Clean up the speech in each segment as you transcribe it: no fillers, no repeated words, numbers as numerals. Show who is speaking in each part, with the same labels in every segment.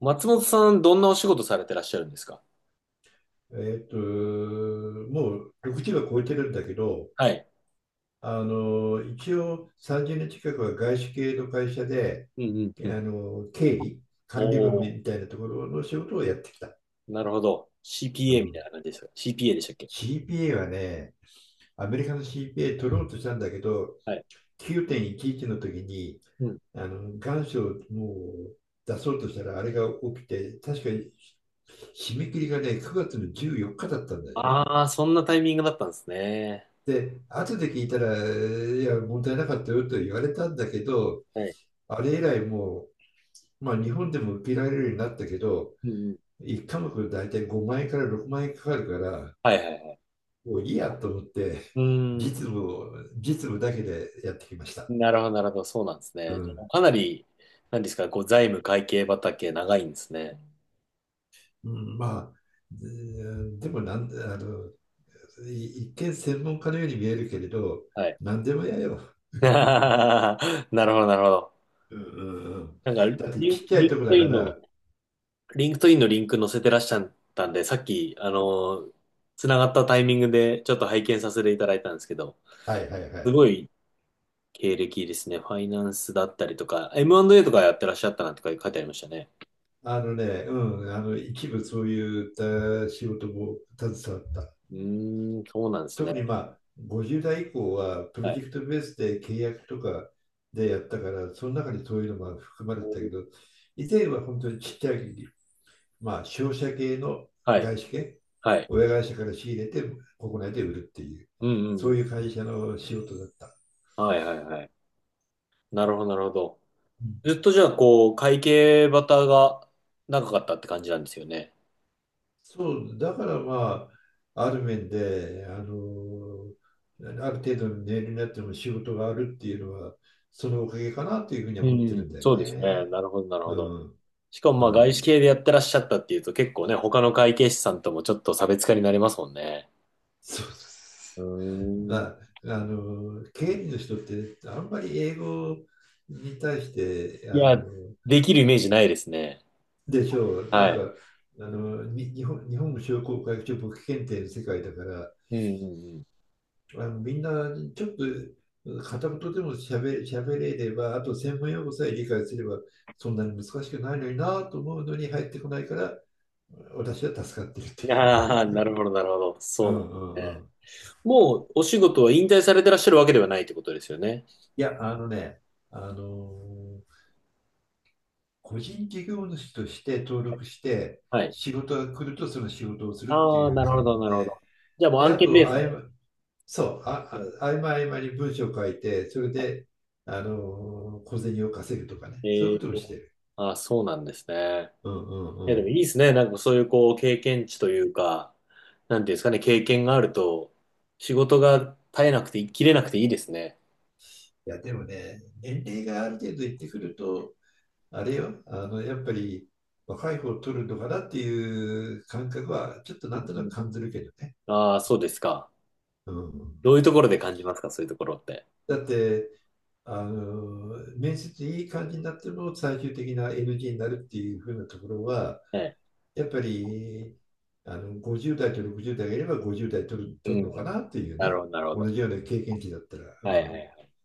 Speaker 1: 松本さん、どんなお仕事されてらっしゃるんですか？
Speaker 2: えっと、もう6時は超えてるんだけど、
Speaker 1: はい。
Speaker 2: 一応30年近くは外資系の会社で、
Speaker 1: うんうんうん。
Speaker 2: 経理、
Speaker 1: お
Speaker 2: 管理部み
Speaker 1: ー、
Speaker 2: たいなところの仕事をやってきた。
Speaker 1: なるほど。
Speaker 2: う
Speaker 1: CPA みた
Speaker 2: ん、
Speaker 1: いな感じですか ?CPA でしたっけ？
Speaker 2: CPA はね、アメリカの CPA 取ろうとしたんだけど、
Speaker 1: はい。
Speaker 2: 9.11の時に、
Speaker 1: うん。
Speaker 2: 願書をもう出そうとしたら、あれが起きて、確かに締め切りがね、9月の14日だったんだよね。
Speaker 1: ああ、そんなタイミングだったんですね。
Speaker 2: で、後で聞いたら、いや、問題なかったよと言われたんだけど、
Speaker 1: はい。
Speaker 2: あれ以来まあ、日本でも受けられるようになったけど、
Speaker 1: うんうん。
Speaker 2: 1科目大体5万円から6万円かかるから、
Speaker 1: はいはいはい。
Speaker 2: もういいやと思って、
Speaker 1: うーん。
Speaker 2: 実務だけでやってきました。
Speaker 1: なるほど、なるほど。そうなんです
Speaker 2: う
Speaker 1: ね。
Speaker 2: ん。
Speaker 1: かなり、なんですか、こう、財務会計畑長いんですね。
Speaker 2: うんまあ、うんでもなん、あの、一見専門家のように見えるけれど、
Speaker 1: はい。
Speaker 2: 何でもやよ。
Speaker 1: なるほど、なるほど。
Speaker 2: うんうんうん。
Speaker 1: なんか、
Speaker 2: だって
Speaker 1: リ
Speaker 2: ちっ
Speaker 1: ン
Speaker 2: ちゃ
Speaker 1: リ
Speaker 2: い
Speaker 1: ンク
Speaker 2: とこ
Speaker 1: ト
Speaker 2: だか
Speaker 1: インの、
Speaker 2: ら、
Speaker 1: リンクトインのリンク載せてらっしゃったんで、さっき、つながったタイミングでちょっと拝見させていただいたんですけど、
Speaker 2: はいはいは
Speaker 1: す
Speaker 2: い。
Speaker 1: ごい経歴ですね。ファイナンスだったりとか、M&A とかやってらっしゃったなんて書いてありましたね。
Speaker 2: あのね、うん、あの一部そういうた仕事も携わった。
Speaker 1: うーん、そうなんです
Speaker 2: 特
Speaker 1: ね。
Speaker 2: にまあ50代以降はプロ
Speaker 1: は
Speaker 2: ジ
Speaker 1: い。
Speaker 2: ェクトベースで契約とかでやったから、その中にそういうのも含まれてたけど、以前は本当にちっちゃい、まあ、商社系の
Speaker 1: はい。
Speaker 2: 外資系、
Speaker 1: はい。
Speaker 2: 親会社から仕入れて国内で売るっていう、
Speaker 1: うんう
Speaker 2: そ
Speaker 1: んう
Speaker 2: う
Speaker 1: ん。
Speaker 2: いう会社の仕事だった。
Speaker 1: はいはいはい。なるほど、なるほど。
Speaker 2: うん、
Speaker 1: ずっとじゃあ、こう、会計バタが長かったって感じなんですよね。
Speaker 2: そう、だからまあ、ある面で、ある程度の年齢になっても仕事があるっていうのは、そのおかげかなっていうふうには
Speaker 1: う
Speaker 2: 思ってる
Speaker 1: ん、
Speaker 2: んだよ
Speaker 1: そうですね。
Speaker 2: ね。
Speaker 1: なるほど、なるほ
Speaker 2: う
Speaker 1: ど。
Speaker 2: ん、
Speaker 1: しかも
Speaker 2: う
Speaker 1: まあ外
Speaker 2: ん。
Speaker 1: 資系でやってらっしゃったっていうと結構ね、他の会計士さんともちょっと差別化になりますもんね。
Speaker 2: そうで
Speaker 1: う
Speaker 2: す。ま
Speaker 1: ーん。
Speaker 2: あ、経理の人って、あんまり英語に対して、
Speaker 1: いや、できるイメージないですね。
Speaker 2: でしょう、なん
Speaker 1: はい。
Speaker 2: か、あの、に日本、日本商工会議所簿記検定の世界だから、
Speaker 1: うんうん
Speaker 2: あのみんなちょっと片言でもしゃべ、しゃべれれば、あと専門用語さえ理解すれば、そんなに難しくないのになと思うのに入ってこないから、私は助かってるってい
Speaker 1: うん。
Speaker 2: う。
Speaker 1: ああ、なるほど、なるほど。そ
Speaker 2: う
Speaker 1: うなん
Speaker 2: んうんう
Speaker 1: で
Speaker 2: ん。
Speaker 1: すね。もうお仕事は引退されてらっしゃるわけではないってことですよね。
Speaker 2: いや、あのね、あのー個人事業主として登録して、
Speaker 1: はい。
Speaker 2: 仕事が来るとその仕事をするって
Speaker 1: ああ、
Speaker 2: いう
Speaker 1: なるほ
Speaker 2: 感
Speaker 1: ど、
Speaker 2: じ
Speaker 1: なるほど。
Speaker 2: で、
Speaker 1: じゃあもう
Speaker 2: で、
Speaker 1: 案
Speaker 2: あ
Speaker 1: 件ベ
Speaker 2: と、
Speaker 1: ース
Speaker 2: あい
Speaker 1: で。
Speaker 2: ま、そう、あ、あ合間合間に文章を書いて、それで、あの小銭を稼ぐとかね、そうい
Speaker 1: え
Speaker 2: うこ
Speaker 1: え
Speaker 2: とをして
Speaker 1: ー、
Speaker 2: る。
Speaker 1: ああ、そうなんですね。
Speaker 2: うんう
Speaker 1: い
Speaker 2: ん
Speaker 1: や、
Speaker 2: う
Speaker 1: でもいい
Speaker 2: ん。
Speaker 1: ですね。なんかそういうこう、経験値というか、なんていうんですかね、経験があると、仕事が絶えなくて、切れなくていいですね。
Speaker 2: いや、でもね、年齢がある程度いってくると、あれよ、あの、やっぱり若い方を取るのかなっていう感覚は、ちょっとなんと
Speaker 1: う
Speaker 2: なく
Speaker 1: ん。
Speaker 2: 感じるけどね。
Speaker 1: ああ、そうですか。
Speaker 2: うん。
Speaker 1: どういうところで感じますか、そういうところって？
Speaker 2: だって、面接いい感じになっても最終的な NG になるっていう風なところは、
Speaker 1: ええ。
Speaker 2: やっぱり、50代と60代がいれば50代取る、
Speaker 1: う
Speaker 2: 取るのか
Speaker 1: ん。
Speaker 2: なっていう
Speaker 1: なる
Speaker 2: ね。
Speaker 1: ほど、なるほ
Speaker 2: 同
Speaker 1: ど。
Speaker 2: じような経験値だったら。う
Speaker 1: はいはいは
Speaker 2: ん、
Speaker 1: い。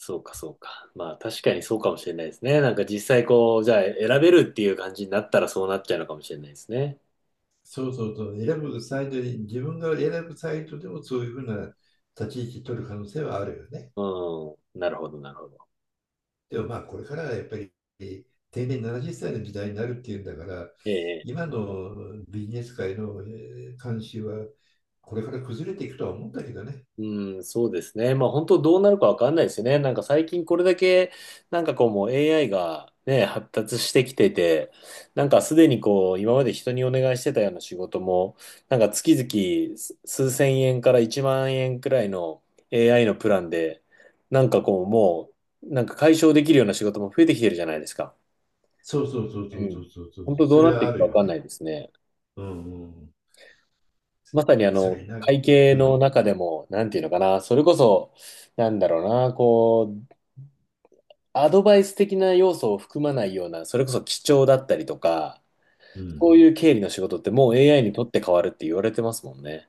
Speaker 1: そうか、そうか。まあ、確かにそうかもしれないですね。なんか実際こう、じゃあ選べるっていう感じになったらそうなっちゃうのかもしれないですね。
Speaker 2: そうそうそう、選ぶサイトに、自分が選ぶサイトでもそういうふうな立ち位置取る可能性はあるよね。
Speaker 1: うん。なるほど、なるほど。
Speaker 2: でもまあ、これからはやっぱり定年70歳の時代になるっていうんだから、
Speaker 1: ええ。
Speaker 2: 今のビジネス界の慣習はこれから崩れていくとは思うんだけどね。
Speaker 1: うん、そうですね。まあ本当どうなるかわかんないですよね。なんか最近これだけ、なんかこうもう AI がね、発達してきてて、なんかすでにこう今まで人にお願いしてたような仕事も、なんか月々数千円から1万円くらいの AI のプランで、なんかこうもう、なんか解消できるような仕事も増えてきてるじゃないですか。
Speaker 2: そうそうそう
Speaker 1: う
Speaker 2: そうそう
Speaker 1: ん。
Speaker 2: そうそ
Speaker 1: 本
Speaker 2: う、
Speaker 1: 当ど
Speaker 2: そ
Speaker 1: うな
Speaker 2: れ
Speaker 1: って
Speaker 2: は
Speaker 1: い
Speaker 2: あ
Speaker 1: くか
Speaker 2: る
Speaker 1: わ
Speaker 2: よ
Speaker 1: かんな
Speaker 2: ね。
Speaker 1: いですね。
Speaker 2: うんうん。
Speaker 1: まさに
Speaker 2: それな、
Speaker 1: 会計
Speaker 2: う
Speaker 1: の
Speaker 2: ん
Speaker 1: 中でも、なんていうのかな、それこそ、なんだろうな、こう、アドバイス的な要素を含まないような、それこそ基調だったりとか、
Speaker 2: う
Speaker 1: こ
Speaker 2: ん。
Speaker 1: ういう経理の仕事ってもう AI にとって変わるって言われてますもんね。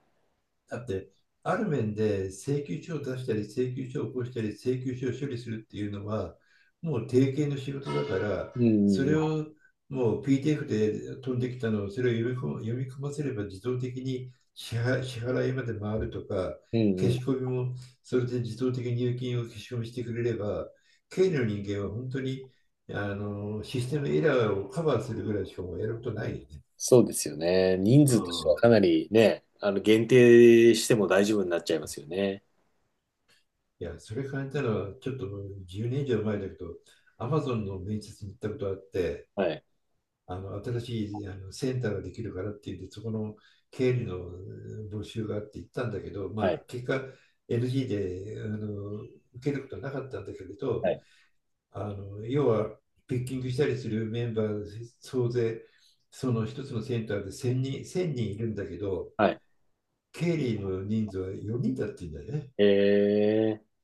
Speaker 2: だって、ある面で請求書を出したり、請求書を起こしたり、請求書を処理するっていうのは、もう定型の仕事だから、
Speaker 1: うんう
Speaker 2: そ
Speaker 1: んう
Speaker 2: れ
Speaker 1: ん。
Speaker 2: をもう p t f で飛んできたのを、それを読み込ませれば自動的に支払いまで回るとか、
Speaker 1: うん
Speaker 2: 消
Speaker 1: うん。
Speaker 2: し込みもそれで自動的に入金を消し込みしてくれれば、経理の人間は本当にあのシステムエラーをカバーするぐらいしかもやることないよね。
Speaker 1: そうですよね。人
Speaker 2: う
Speaker 1: 数としてはか
Speaker 2: ん、
Speaker 1: なりね、限定しても大丈夫になっちゃいますよね。
Speaker 2: いや、それ考えたのは、ちょっと10年以上前だけど、アマゾンの面接に行ったことあって、
Speaker 1: はい。
Speaker 2: 新しいあのセンターができるからって言って、そこの経理の募集があって行ったんだけど、まあ、
Speaker 1: はい。
Speaker 2: 結果 NG で受けることはなかったんだけれ
Speaker 1: は
Speaker 2: ど、
Speaker 1: い。
Speaker 2: あの要はピッキングしたりするメンバー総勢、その一つのセンターで1000人、1000人いるんだけど、
Speaker 1: はい。
Speaker 2: 経理の人数は4人だって言うんだよね。
Speaker 1: え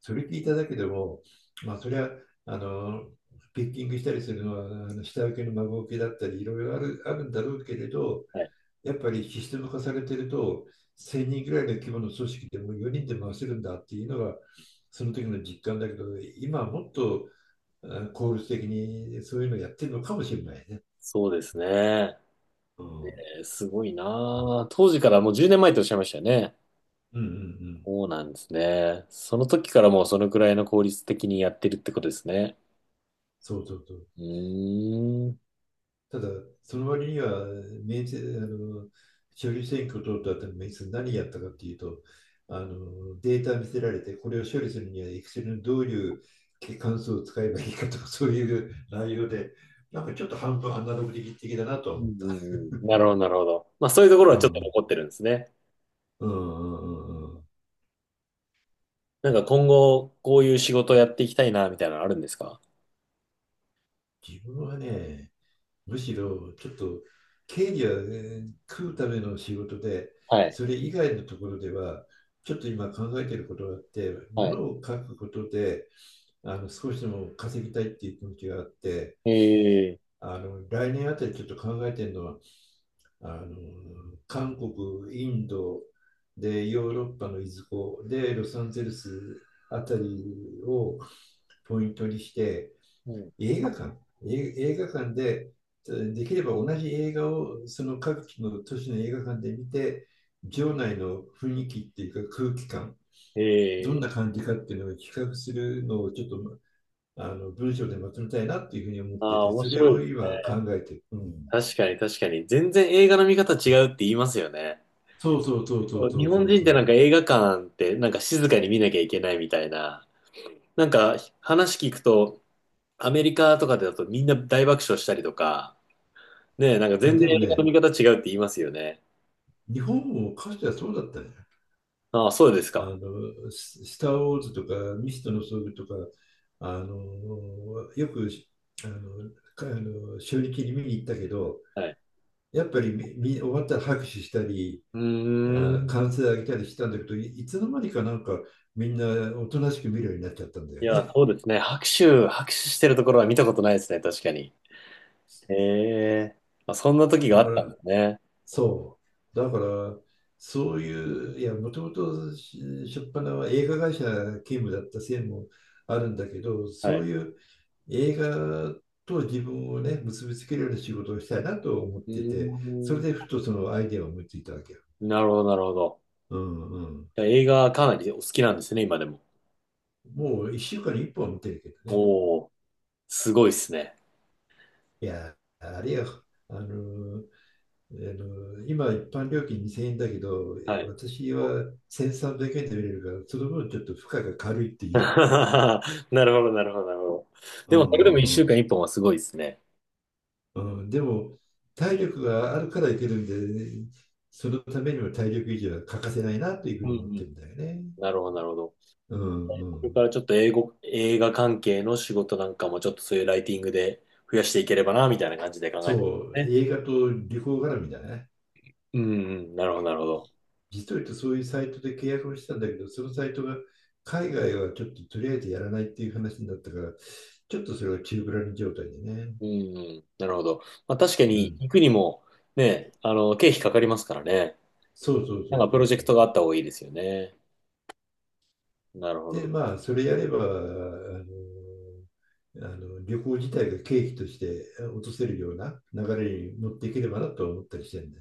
Speaker 2: それ聞いただけでも、まあ、それはあのピッキングしたりするのはあの下請けの孫請けだったりいろいろあるあるんだろうけれど、
Speaker 1: はい。
Speaker 2: やっぱりシステム化されてると1000人ぐらいの規模の組織でも4人で回せるんだっていうのがその時の実感だけど、今はもっと効率的にそういうのやってるのかもしれないね。
Speaker 1: そうですね。
Speaker 2: うんうん
Speaker 1: すごいなあ、当時からもう10年前とおっしゃいましたよね。
Speaker 2: うんうん。
Speaker 1: そうなんですね。その時からもうそのくらいの効率的にやってるってことですね。
Speaker 2: そうそうそう。
Speaker 1: うーん。
Speaker 2: ただ、その割には、明治、あの、処理選挙を通った後に、何やったかっていうと、あの、データ見せられて、これを処理するには、Excel のどういう関数を使えばいいかとか、そういう内容で、なんかちょっと半分アナログ的だなと
Speaker 1: う
Speaker 2: 思った。
Speaker 1: んなるほど、なるほど。まあそういうところ
Speaker 2: う
Speaker 1: はちょっと
Speaker 2: ん。
Speaker 1: 残ってるんですね。
Speaker 2: うんうんうんうん。
Speaker 1: なんか今後、こういう仕事をやっていきたいな、みたいなのあるんですか？
Speaker 2: 自分はね、むしろちょっと経理は、ね、食うための仕事で、
Speaker 1: はい。
Speaker 2: それ以外のところでは、ちょっと今考えていることがあって、も
Speaker 1: はい。
Speaker 2: のを書くことで、あの少しでも稼ぎたいっていう気持ちがあって、
Speaker 1: ええ、
Speaker 2: あの来年あたりちょっと考えてるのは、あの韓国、インドで、ヨーロッパのいずこで、ロサンゼルスあたりをポイントにして、
Speaker 1: うん。
Speaker 2: 映画館、映画館で、できれば同じ映画をその各地の都市の映画館で見て、場内の雰囲気っていうか空気感、どん
Speaker 1: え
Speaker 2: な
Speaker 1: え。
Speaker 2: 感じかっていうのを比較するのをちょっとあの文章でまとめたいなっていうふうに思っ
Speaker 1: あ
Speaker 2: て
Speaker 1: あ、
Speaker 2: て、
Speaker 1: 面
Speaker 2: それ
Speaker 1: 白いで
Speaker 2: を
Speaker 1: す
Speaker 2: 今
Speaker 1: ね。
Speaker 2: 考えてる。うん、
Speaker 1: 確かに、確かに。全然映画の見方違うって言いますよね。
Speaker 2: そうそうそうそ
Speaker 1: そ
Speaker 2: う
Speaker 1: う
Speaker 2: そ
Speaker 1: 日
Speaker 2: うそ
Speaker 1: 本
Speaker 2: う
Speaker 1: 人っ
Speaker 2: そ
Speaker 1: てな
Speaker 2: う。
Speaker 1: んか映画館ってなんか静かに見なきゃいけないみたいな。なんか話聞くと、アメリカとかだとみんな大爆笑したりとか、ねえ、なんか
Speaker 2: あ、
Speaker 1: 全
Speaker 2: で
Speaker 1: 然映
Speaker 2: も
Speaker 1: 画の
Speaker 2: ね、
Speaker 1: 見方違うって言いますよね。
Speaker 2: 日本もかつてはそうだったね。
Speaker 1: ああ、そうです
Speaker 2: あ
Speaker 1: か。
Speaker 2: の、ススター・ウォーズとか、ミストの装具とか、あの、よく、あの、あの初日に見に行ったけど、
Speaker 1: はい。
Speaker 2: やっぱりみ終わったら拍手したり、
Speaker 1: うー
Speaker 2: あ、
Speaker 1: ん。
Speaker 2: 歓声上げたりしたんだけど、いつの間にかなんかみんなおとなしく見るようになっちゃったんだ
Speaker 1: い
Speaker 2: よ
Speaker 1: や、
Speaker 2: ね。
Speaker 1: そうですね。拍手してるところは見たことないですね。確かに。へえ。まあ、そんな時が
Speaker 2: だ
Speaker 1: あっ
Speaker 2: か
Speaker 1: た
Speaker 2: ら、
Speaker 1: んですね。
Speaker 2: そう。だから、そういう、いや、もともと初っ端は映画会社勤務だったせいもあるんだけど、
Speaker 1: は
Speaker 2: そう
Speaker 1: い。
Speaker 2: いう映画と自分をね、結びつけるような仕事をしたいなと思っ
Speaker 1: う
Speaker 2: て
Speaker 1: ー
Speaker 2: て、それでふ
Speaker 1: ん。
Speaker 2: とそのアイデアを思いついたわけよ。
Speaker 1: なるほど、なるほど。
Speaker 2: うんうん。
Speaker 1: じゃあ映画かなりお好きなんですね、今でも。
Speaker 2: もう1週間に1本は見てるけどね。
Speaker 1: おお、すごいですね。
Speaker 2: いや、あれや、あの、あの今、一般料金2000円だけど、
Speaker 1: はい。
Speaker 2: 私は1300円で見れるから、その分ちょっと負荷が軽いって いう。
Speaker 1: なるほど、なるほど、なるほど。
Speaker 2: う
Speaker 1: でも、それでも一
Speaker 2: ん
Speaker 1: 週
Speaker 2: うん
Speaker 1: 間一本はすごいですね。
Speaker 2: うんうん、でも、体力があるからいけるんで、ね、そのためにも体力維持は欠かせないなというふ
Speaker 1: う
Speaker 2: う
Speaker 1: んう
Speaker 2: に思って
Speaker 1: ん。
Speaker 2: るんだよね。
Speaker 1: なるほど、なるほど。
Speaker 2: うんう
Speaker 1: これ
Speaker 2: ん。
Speaker 1: からちょっと英語、映画関係の仕事なんかもちょっとそういうライティングで増やしていければな、みたいな感じで考えてる
Speaker 2: そう、
Speaker 1: ね。
Speaker 2: 映画と旅行絡みだね。
Speaker 1: うんうん、なるほど、なるほど。
Speaker 2: 実を言うとそういうサイトで契約をしたんだけど、そのサイトが海外はちょっととりあえずやらないっていう話になったから、ちょっとそれは宙ぶらりん状態でね。
Speaker 1: うんうん、なるほど。まあ確か
Speaker 2: う
Speaker 1: に
Speaker 2: ん。
Speaker 1: 行くにもね、経費かかりますからね。
Speaker 2: そうそう
Speaker 1: な
Speaker 2: そ
Speaker 1: んか
Speaker 2: う
Speaker 1: プ
Speaker 2: そ
Speaker 1: ロ
Speaker 2: う
Speaker 1: ジェクトが
Speaker 2: そ
Speaker 1: あっ
Speaker 2: う、
Speaker 1: た方がいいですよね。なるほ
Speaker 2: で、
Speaker 1: ど。
Speaker 2: まあ、それやれば、の、あの、旅行自体が経費として落とせるような流れに乗っていければなと思ったりしてるんで。